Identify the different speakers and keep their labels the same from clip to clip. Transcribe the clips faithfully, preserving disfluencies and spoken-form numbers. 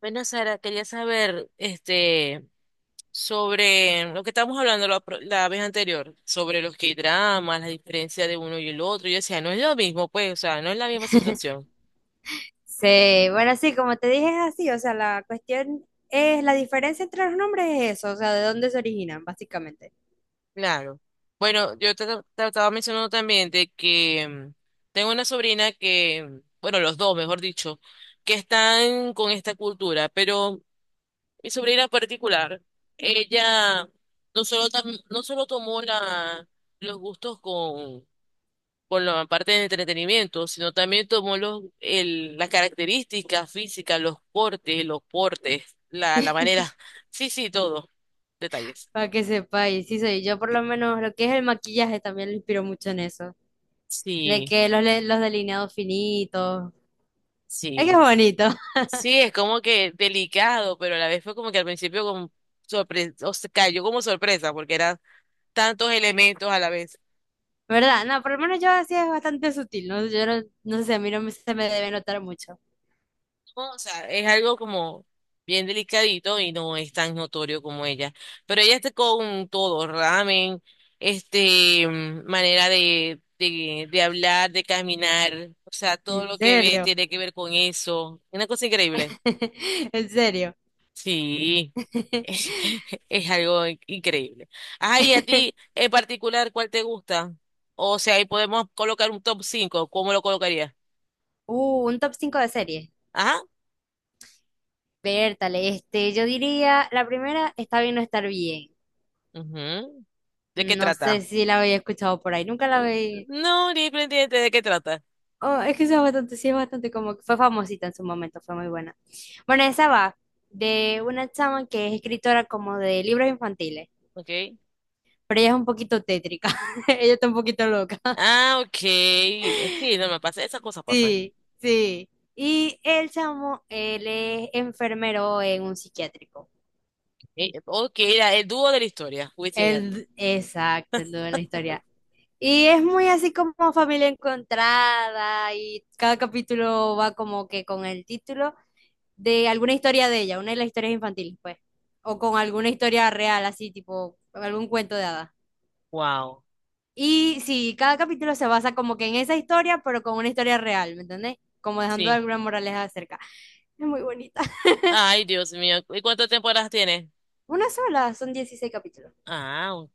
Speaker 1: Bueno, Sara, quería saber este, sobre lo que estábamos hablando la, pro- la vez anterior, sobre los K-dramas, la diferencia de uno y el otro. Yo decía, no es lo mismo, pues, o sea, no es la misma situación.
Speaker 2: Sí, bueno, sí, como te dije, es así, o sea, la cuestión es, la diferencia entre los nombres es eso, o sea, de dónde se originan, básicamente,
Speaker 1: Claro. Bueno, yo te, te estaba mencionando también de que mm, tengo una sobrina que, mm, bueno, los dos, mejor dicho, que están con esta cultura, pero mi sobrina en particular, ella no solo, tam- no solo tomó la, los gustos con con la parte de entretenimiento, sino también tomó los, el, las características físicas, los cortes, los portes, la, la manera. Sí, sí, todo. Detalles.
Speaker 2: para que sepáis, sí soy, yo por lo menos lo que es el maquillaje también lo inspiro mucho en eso, de
Speaker 1: Sí,
Speaker 2: que los, le- los delineados finitos, es que es
Speaker 1: sí.
Speaker 2: bonito.
Speaker 1: Sí, es como que delicado, pero a la vez fue como que al principio como sorpre- o sea, cayó como sorpresa, porque eran tantos elementos a la vez.
Speaker 2: ¿Verdad? No, por lo menos yo así es bastante sutil, ¿no? Yo no, no sé, a mí no me- se me debe notar mucho.
Speaker 1: O sea, es algo como bien delicadito y no es tan notorio como ella. Pero ella está con todo, ramen, este, mm, manera de, de, de hablar, de caminar, o sea, todo
Speaker 2: ¿En
Speaker 1: lo que ve
Speaker 2: serio?
Speaker 1: tiene que ver con eso. Una cosa increíble.
Speaker 2: ¿En serio?
Speaker 1: Sí, es algo in- increíble. Ay, a ti en particular, ¿cuál te gusta? O sea, ahí podemos colocar un top cinco. ¿cómo lo colocarías?
Speaker 2: Uh, un top cinco de series.
Speaker 1: Ajá.
Speaker 2: Bertale, este, yo diría, la primera, está bien no estar bien.
Speaker 1: ujú. ¿De qué
Speaker 2: No sé
Speaker 1: trata?
Speaker 2: si la había escuchado por ahí, nunca la había...
Speaker 1: No, ni pendiente de qué trata.
Speaker 2: Oh, es que esa es bastante, sí, es bastante como que fue famosita en su momento, fue muy buena. Bueno, esa va de una chama que es escritora como de libros infantiles,
Speaker 1: Okay.
Speaker 2: pero ella es un poquito tétrica, ella está un poquito loca.
Speaker 1: Ah, ok. Sí, no me pasa. Esas cosas pasan.
Speaker 2: Sí, sí. Y el chamo, él es enfermero en un psiquiátrico.
Speaker 1: Eh, Ok, era el dúo de la historia. Wisin y Yandel.
Speaker 2: Él, exacto, el dueño de la historia. Y es muy así como familia encontrada, y cada capítulo va como que con el título de alguna historia de ella, una de las historias infantiles, pues, o con alguna historia real, así tipo algún cuento de hadas.
Speaker 1: Wow.
Speaker 2: Y sí, cada capítulo se basa como que en esa historia, pero con una historia real, ¿me entendés? Como dejando
Speaker 1: Sí.
Speaker 2: alguna moraleja acerca. Es muy bonita.
Speaker 1: Ay, Dios mío. ¿Y cuántas temporadas tiene?
Speaker 2: Una sola, son dieciséis capítulos.
Speaker 1: Ah, ok.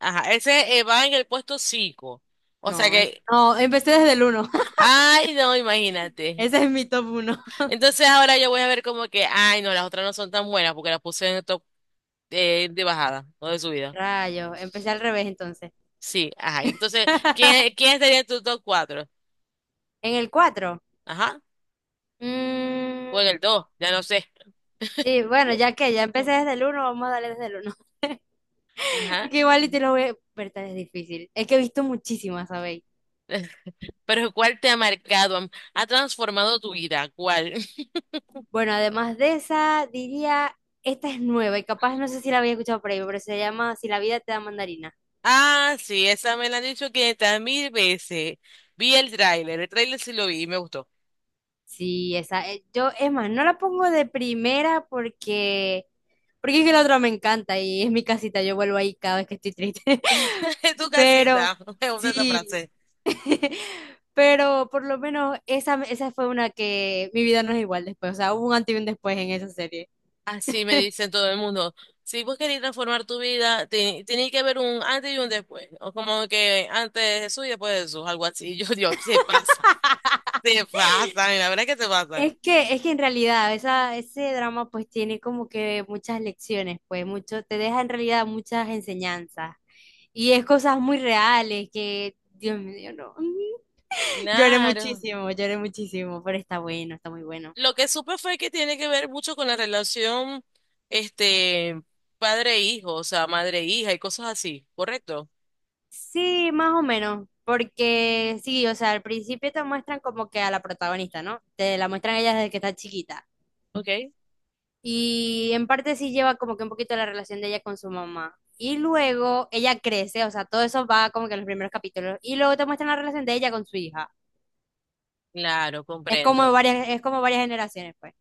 Speaker 1: Ajá, ese eh, va en el puesto cinco. O sea
Speaker 2: No, es...
Speaker 1: que,
Speaker 2: no, empecé desde el uno.
Speaker 1: ay, no, imagínate.
Speaker 2: Ese es mi top uno.
Speaker 1: Entonces ahora yo voy a ver como que, ay, no, las otras no son tan buenas porque las puse en el top eh, de bajada o de subida.
Speaker 2: Rayos, empecé al revés entonces.
Speaker 1: Sí, ajá. Entonces, ¿quién, quién sería en tu top cuatro?
Speaker 2: En el cuatro.
Speaker 1: Ajá. O en el dos, ya no sé.
Speaker 2: Sí, bueno, ya que ya empecé desde el uno, vamos a darle desde el uno. Es
Speaker 1: Ajá.
Speaker 2: que igual y te lo voy a... Pero tal es difícil. Es que he visto muchísimas, ¿sabéis?
Speaker 1: Pero ¿cuál te ha marcado? am- ¿Ha transformado tu vida. ¿Cuál?
Speaker 2: Bueno, además de esa, diría, esta es nueva y capaz no sé si la había escuchado por ahí, pero se llama Si la vida te da mandarina.
Speaker 1: Ah, sí, esa me la han dicho 500 mil veces. Vi el tráiler, el tráiler sí lo vi y me gustó.
Speaker 2: Sí, esa. eh, Yo, es más, no la pongo de primera porque... Porque es que la otra me encanta y es mi casita, yo vuelvo ahí cada vez que estoy triste.
Speaker 1: En tu
Speaker 2: Pero
Speaker 1: casita, me gusta esa
Speaker 2: sí.
Speaker 1: frase.
Speaker 2: Pero por lo menos esa, esa fue una que mi vida no es igual después, o sea, hubo un antes y un después en esa serie.
Speaker 1: Así me dicen todo el mundo. Si vos querés transformar tu vida, te- tenés que ver un antes y un después. O como que antes de Jesús y después de Jesús, algo así. Yo, Dios, se pasa. Se pasan, y la verdad es que se pasan.
Speaker 2: Es que, es que en realidad esa, ese drama pues tiene como que muchas lecciones, pues mucho, te deja en realidad muchas enseñanzas y es cosas muy reales que, Dios mío, no. Lloré
Speaker 1: Claro.
Speaker 2: muchísimo, lloré muchísimo, pero está bueno, está muy bueno.
Speaker 1: Lo que supe fue que tiene que ver mucho con la relación, este, padre-hijo, o sea, madre-hija y cosas así, ¿correcto?
Speaker 2: Sí, más o menos, porque sí, o sea, al principio te muestran como que a la protagonista, ¿no? Te la muestran ella desde que está chiquita.
Speaker 1: ¿Ok?
Speaker 2: Y en parte sí lleva como que un poquito la relación de ella con su mamá. Y luego ella crece, o sea, todo eso va como que en los primeros capítulos. Y luego te muestran la relación de ella con su hija.
Speaker 1: Claro,
Speaker 2: Es como
Speaker 1: comprendo.
Speaker 2: varias, es como varias generaciones, pues.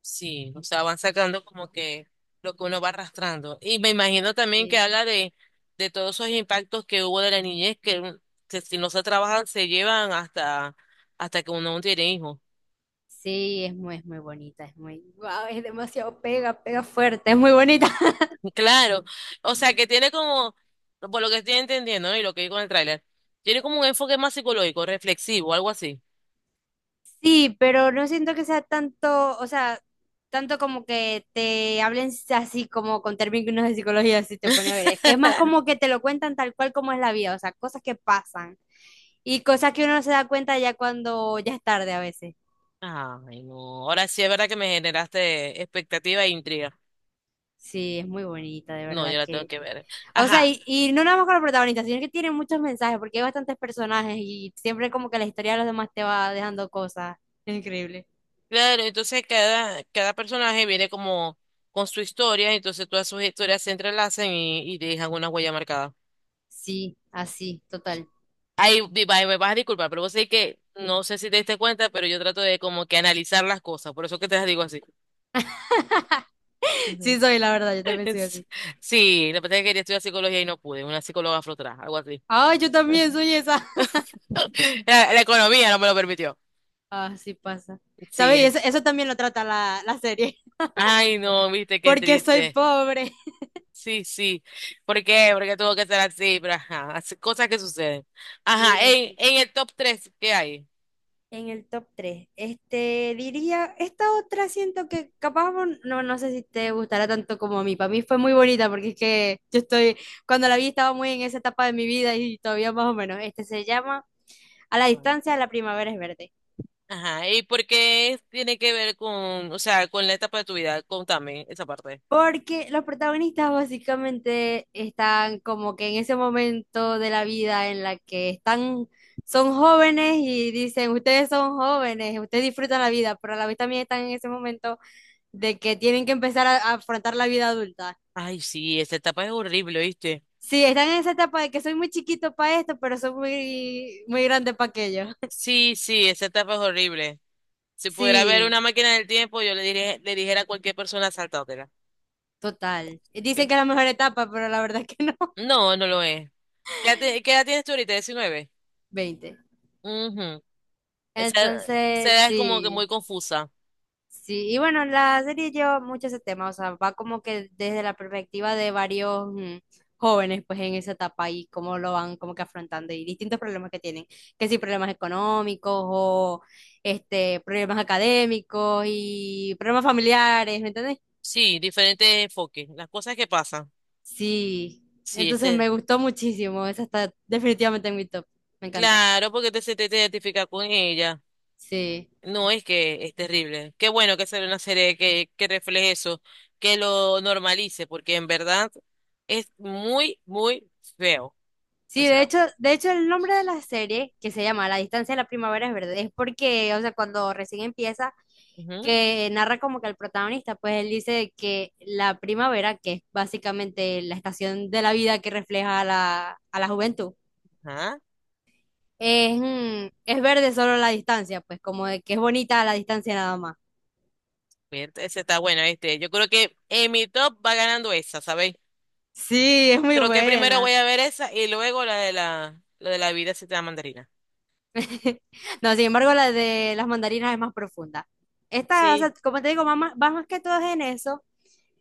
Speaker 1: Sí, o sea, van sacando como que lo que uno va arrastrando. Y me imagino también que
Speaker 2: Sí,
Speaker 1: habla de, de todos esos impactos que hubo de la niñez que, mm, que si no se trabajan se llevan hasta, hasta que uno tiene hijos.
Speaker 2: sí, es muy, es muy bonita, es muy, wow, es demasiado pega, pega fuerte, es muy bonita.
Speaker 1: Claro, o sea que tiene como, por lo que estoy entendiendo, ¿no? Y lo que vi con el tráiler, tiene como un enfoque más psicológico, reflexivo, algo así.
Speaker 2: Sí, pero no siento que sea tanto, o sea, tanto como que te hablen así como con términos de psicología, así te pone a ver. Es es más como que te lo cuentan tal cual como es la vida, o sea, cosas que pasan y cosas que uno no se da cuenta ya cuando ya es tarde a veces.
Speaker 1: Ay, no, ahora sí es verdad que me generaste expectativa e intriga.
Speaker 2: Sí, es muy bonita, de
Speaker 1: No, yo
Speaker 2: verdad
Speaker 1: la tengo
Speaker 2: que.
Speaker 1: que ver.
Speaker 2: O sea,
Speaker 1: Ajá,
Speaker 2: y, y no nada más con los protagonistas, sino que tiene muchos mensajes, porque hay bastantes personajes y siempre como que la historia de los demás te va dejando cosas. Es increíble.
Speaker 1: claro, entonces cada, cada personaje viene como con su historia, entonces todas sus historias se entrelazan y, y dejan una huella marcada.
Speaker 2: Sí, así, total.
Speaker 1: Ay, vi- va- me vas a disculpar, pero vos sabés que no sé si te diste cuenta, pero yo trato de como que analizar las cosas, por eso que te las digo así.
Speaker 2: Sí, soy la verdad, yo también soy
Speaker 1: Es-
Speaker 2: así.
Speaker 1: Sí, lo que pasa es que quería estudiar psicología y no pude, una psicóloga afrotrás, algo así.
Speaker 2: Ay, yo también soy esa.
Speaker 1: La, la economía no me lo permitió.
Speaker 2: Ah, sí pasa.
Speaker 1: Sí,
Speaker 2: ¿Sabes? Y
Speaker 1: eh,
Speaker 2: Eso, eso también lo trata la, la serie.
Speaker 1: ay no, viste qué
Speaker 2: Porque soy
Speaker 1: triste.
Speaker 2: pobre.
Speaker 1: Sí, sí. ¿Por qué? Porque tuvo que ser así, pero ajá, así- cosas que suceden.
Speaker 2: Sí,
Speaker 1: Ajá, en,
Speaker 2: así.
Speaker 1: en el top tres, ¿qué hay?
Speaker 2: En el top tres, este, diría, esta otra siento que capaz vos- no, no sé si te gustará tanto como a mí. Para mí fue muy bonita porque es que yo estoy, cuando la vi estaba muy en esa etapa de mi vida y todavía más o menos. Este se llama A la
Speaker 1: Bueno.
Speaker 2: distancia, la primavera es verde.
Speaker 1: Ajá, ¿y por qué tiene que ver con, o sea, con la etapa de tu vida? Contame esa parte.
Speaker 2: Porque los protagonistas básicamente están como que en ese momento de la vida en la que están, son jóvenes y dicen, ustedes son jóvenes, ustedes disfrutan la vida, pero a la vez también están en ese momento de que tienen que empezar a, a afrontar la vida adulta.
Speaker 1: Ay, sí, esa etapa es horrible, ¿viste?
Speaker 2: Sí, están en esa etapa de que soy muy chiquito para esto, pero soy muy, muy grande para aquello.
Speaker 1: Sí, sí, esa etapa es horrible. Si pudiera ver
Speaker 2: Sí,
Speaker 1: una máquina del tiempo, yo le diré- le dijera a cualquier persona saltátela.
Speaker 2: total.
Speaker 1: Eh,
Speaker 2: Dicen que es la mejor etapa, pero la verdad es que no.
Speaker 1: No, no lo es. ¿Qué edad, ti- qué edad tienes tú ahorita? Diecinueve.
Speaker 2: Veinte.
Speaker 1: Ujú. Esa, esa
Speaker 2: Entonces,
Speaker 1: edad es como que
Speaker 2: sí.
Speaker 1: muy confusa.
Speaker 2: Sí, y bueno, la serie lleva mucho ese tema, o sea, va como que desde la perspectiva de varios mm, jóvenes, pues en esa etapa y cómo lo van como que afrontando y distintos problemas que tienen, que si problemas económicos o este, problemas académicos y problemas familiares, ¿me entendés?
Speaker 1: Sí, diferentes enfoques. Las cosas que pasan.
Speaker 2: Sí,
Speaker 1: Sí,
Speaker 2: entonces me
Speaker 1: ese.
Speaker 2: gustó muchísimo, esa está definitivamente en mi top, me encanta,
Speaker 1: Claro, porque te, se te, te identifica con ella.
Speaker 2: sí.
Speaker 1: No, es que es terrible. Qué bueno que sea una serie que, que refleje eso, que lo normalice, porque en verdad es muy, muy feo. O
Speaker 2: Sí, de
Speaker 1: sea,
Speaker 2: hecho, de hecho el nombre de la serie, que se llama La distancia de la primavera es verde, es porque, o sea, cuando recién empieza,
Speaker 1: ujú,
Speaker 2: que narra como que el protagonista, pues él dice que la primavera, que es básicamente la estación de la vida que refleja a la, a la juventud,
Speaker 1: ajá.
Speaker 2: es, mm, es verde solo la distancia, pues como de que es bonita a la distancia nada más.
Speaker 1: Bien, Ese está bueno, este. Yo creo que en mi top va ganando esa, ¿sabéis?
Speaker 2: Sí, es muy
Speaker 1: Creo que primero
Speaker 2: buena.
Speaker 1: voy a ver esa y luego la de la, la de la vida se te da mandarina.
Speaker 2: No, sin embargo, la de las mandarinas es más profunda. Esta, o
Speaker 1: Sí,
Speaker 2: sea, como te digo, va más, va más que todo en eso,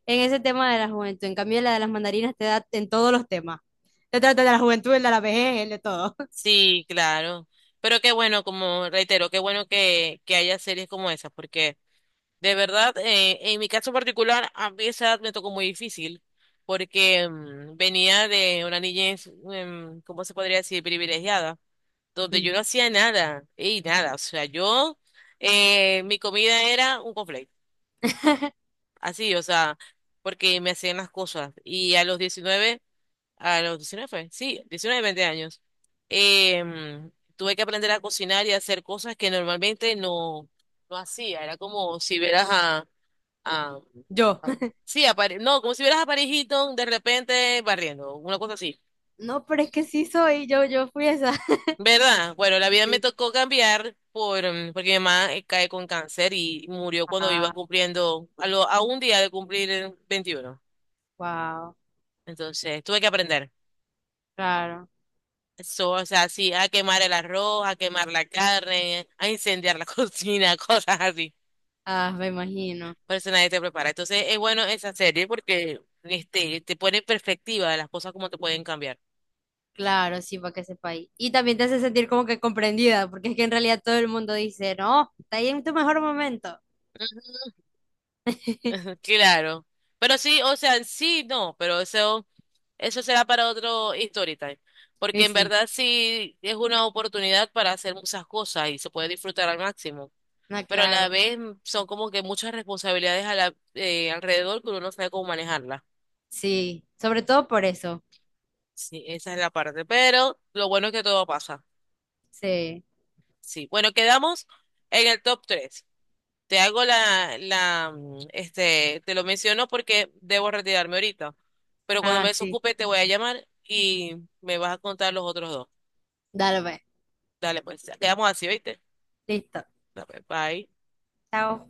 Speaker 2: en ese tema de la juventud. En cambio, la de las mandarinas te da en todos los temas. Te trata de la juventud, el de la vejez, el de todo.
Speaker 1: sí, claro. Pero qué bueno, como reitero, qué bueno que, que haya series como esas, porque de verdad, eh, en mi caso particular, a mí esa edad me tocó muy difícil, porque mm, venía de una niñez, em, ¿cómo se podría decir? Privilegiada, donde
Speaker 2: Mm.
Speaker 1: yo no hacía nada, y nada, o sea, yo, eh, mi comida era un conflicto así, o sea, porque me hacían las cosas. Y a los diecinueve, a los diecinueve fue, sí, diecinueve veinte años, em, tuve que aprender a cocinar y a hacer cosas que normalmente no, no hacía. Era como si vieras a, a,
Speaker 2: Yo.
Speaker 1: a- sí, a Pare- no, como si vieras a Paris Hilton de repente barriendo, una cosa así.
Speaker 2: No, pero es que sí soy, yo, yo fui esa.
Speaker 1: ¿Verdad? Bueno, la vida me
Speaker 2: Sí.
Speaker 1: tocó cambiar por, mm, porque mi mamá eh, cae con cáncer y murió cuando iba
Speaker 2: Ah,
Speaker 1: cumpliendo, a, lo- a un día de cumplir eh, veintiuno.
Speaker 2: wow,
Speaker 1: Entonces, tuve que aprender.
Speaker 2: claro.
Speaker 1: So, o sea, sí, a quemar el arroz, a quemar la carne, a incendiar la cocina, cosas así.
Speaker 2: Ah, me imagino.
Speaker 1: Por eso nadie te prepara. Entonces, es bueno esa serie porque este, te pone en perspectiva de las cosas como te pueden cambiar.
Speaker 2: Claro, sí, para que sepa ahí. Y también te hace sentir como que comprendida, porque es que en realidad todo el mundo dice, no, está ahí en tu mejor momento.
Speaker 1: Claro. Pero sí, o sea, sí, no, pero eso, eso será para otro story time. Porque
Speaker 2: Y
Speaker 1: en
Speaker 2: sí,
Speaker 1: verdad sí es una oportunidad para hacer muchas cosas y se puede disfrutar al máximo.
Speaker 2: no,
Speaker 1: Pero a la
Speaker 2: claro.
Speaker 1: vez mm, son como que muchas responsabilidades a la, eh, alrededor que uno no sabe cómo manejarla.
Speaker 2: Sí, sobre todo por eso.
Speaker 1: Sí, esa es la parte, pero lo bueno es que todo pasa.
Speaker 2: Sí.
Speaker 1: Sí, bueno, quedamos en el top tres. Te hago la, la, mm, este, te lo menciono porque debo retirarme ahorita, pero cuando me
Speaker 2: Ah, sí.
Speaker 1: desocupe te voy a llamar y me vas a contar los otros dos.
Speaker 2: Dale, pues.
Speaker 1: Dale, pues, quedamos así, ¿viste?
Speaker 2: Listo.
Speaker 1: Dale, Bye.
Speaker 2: Chao.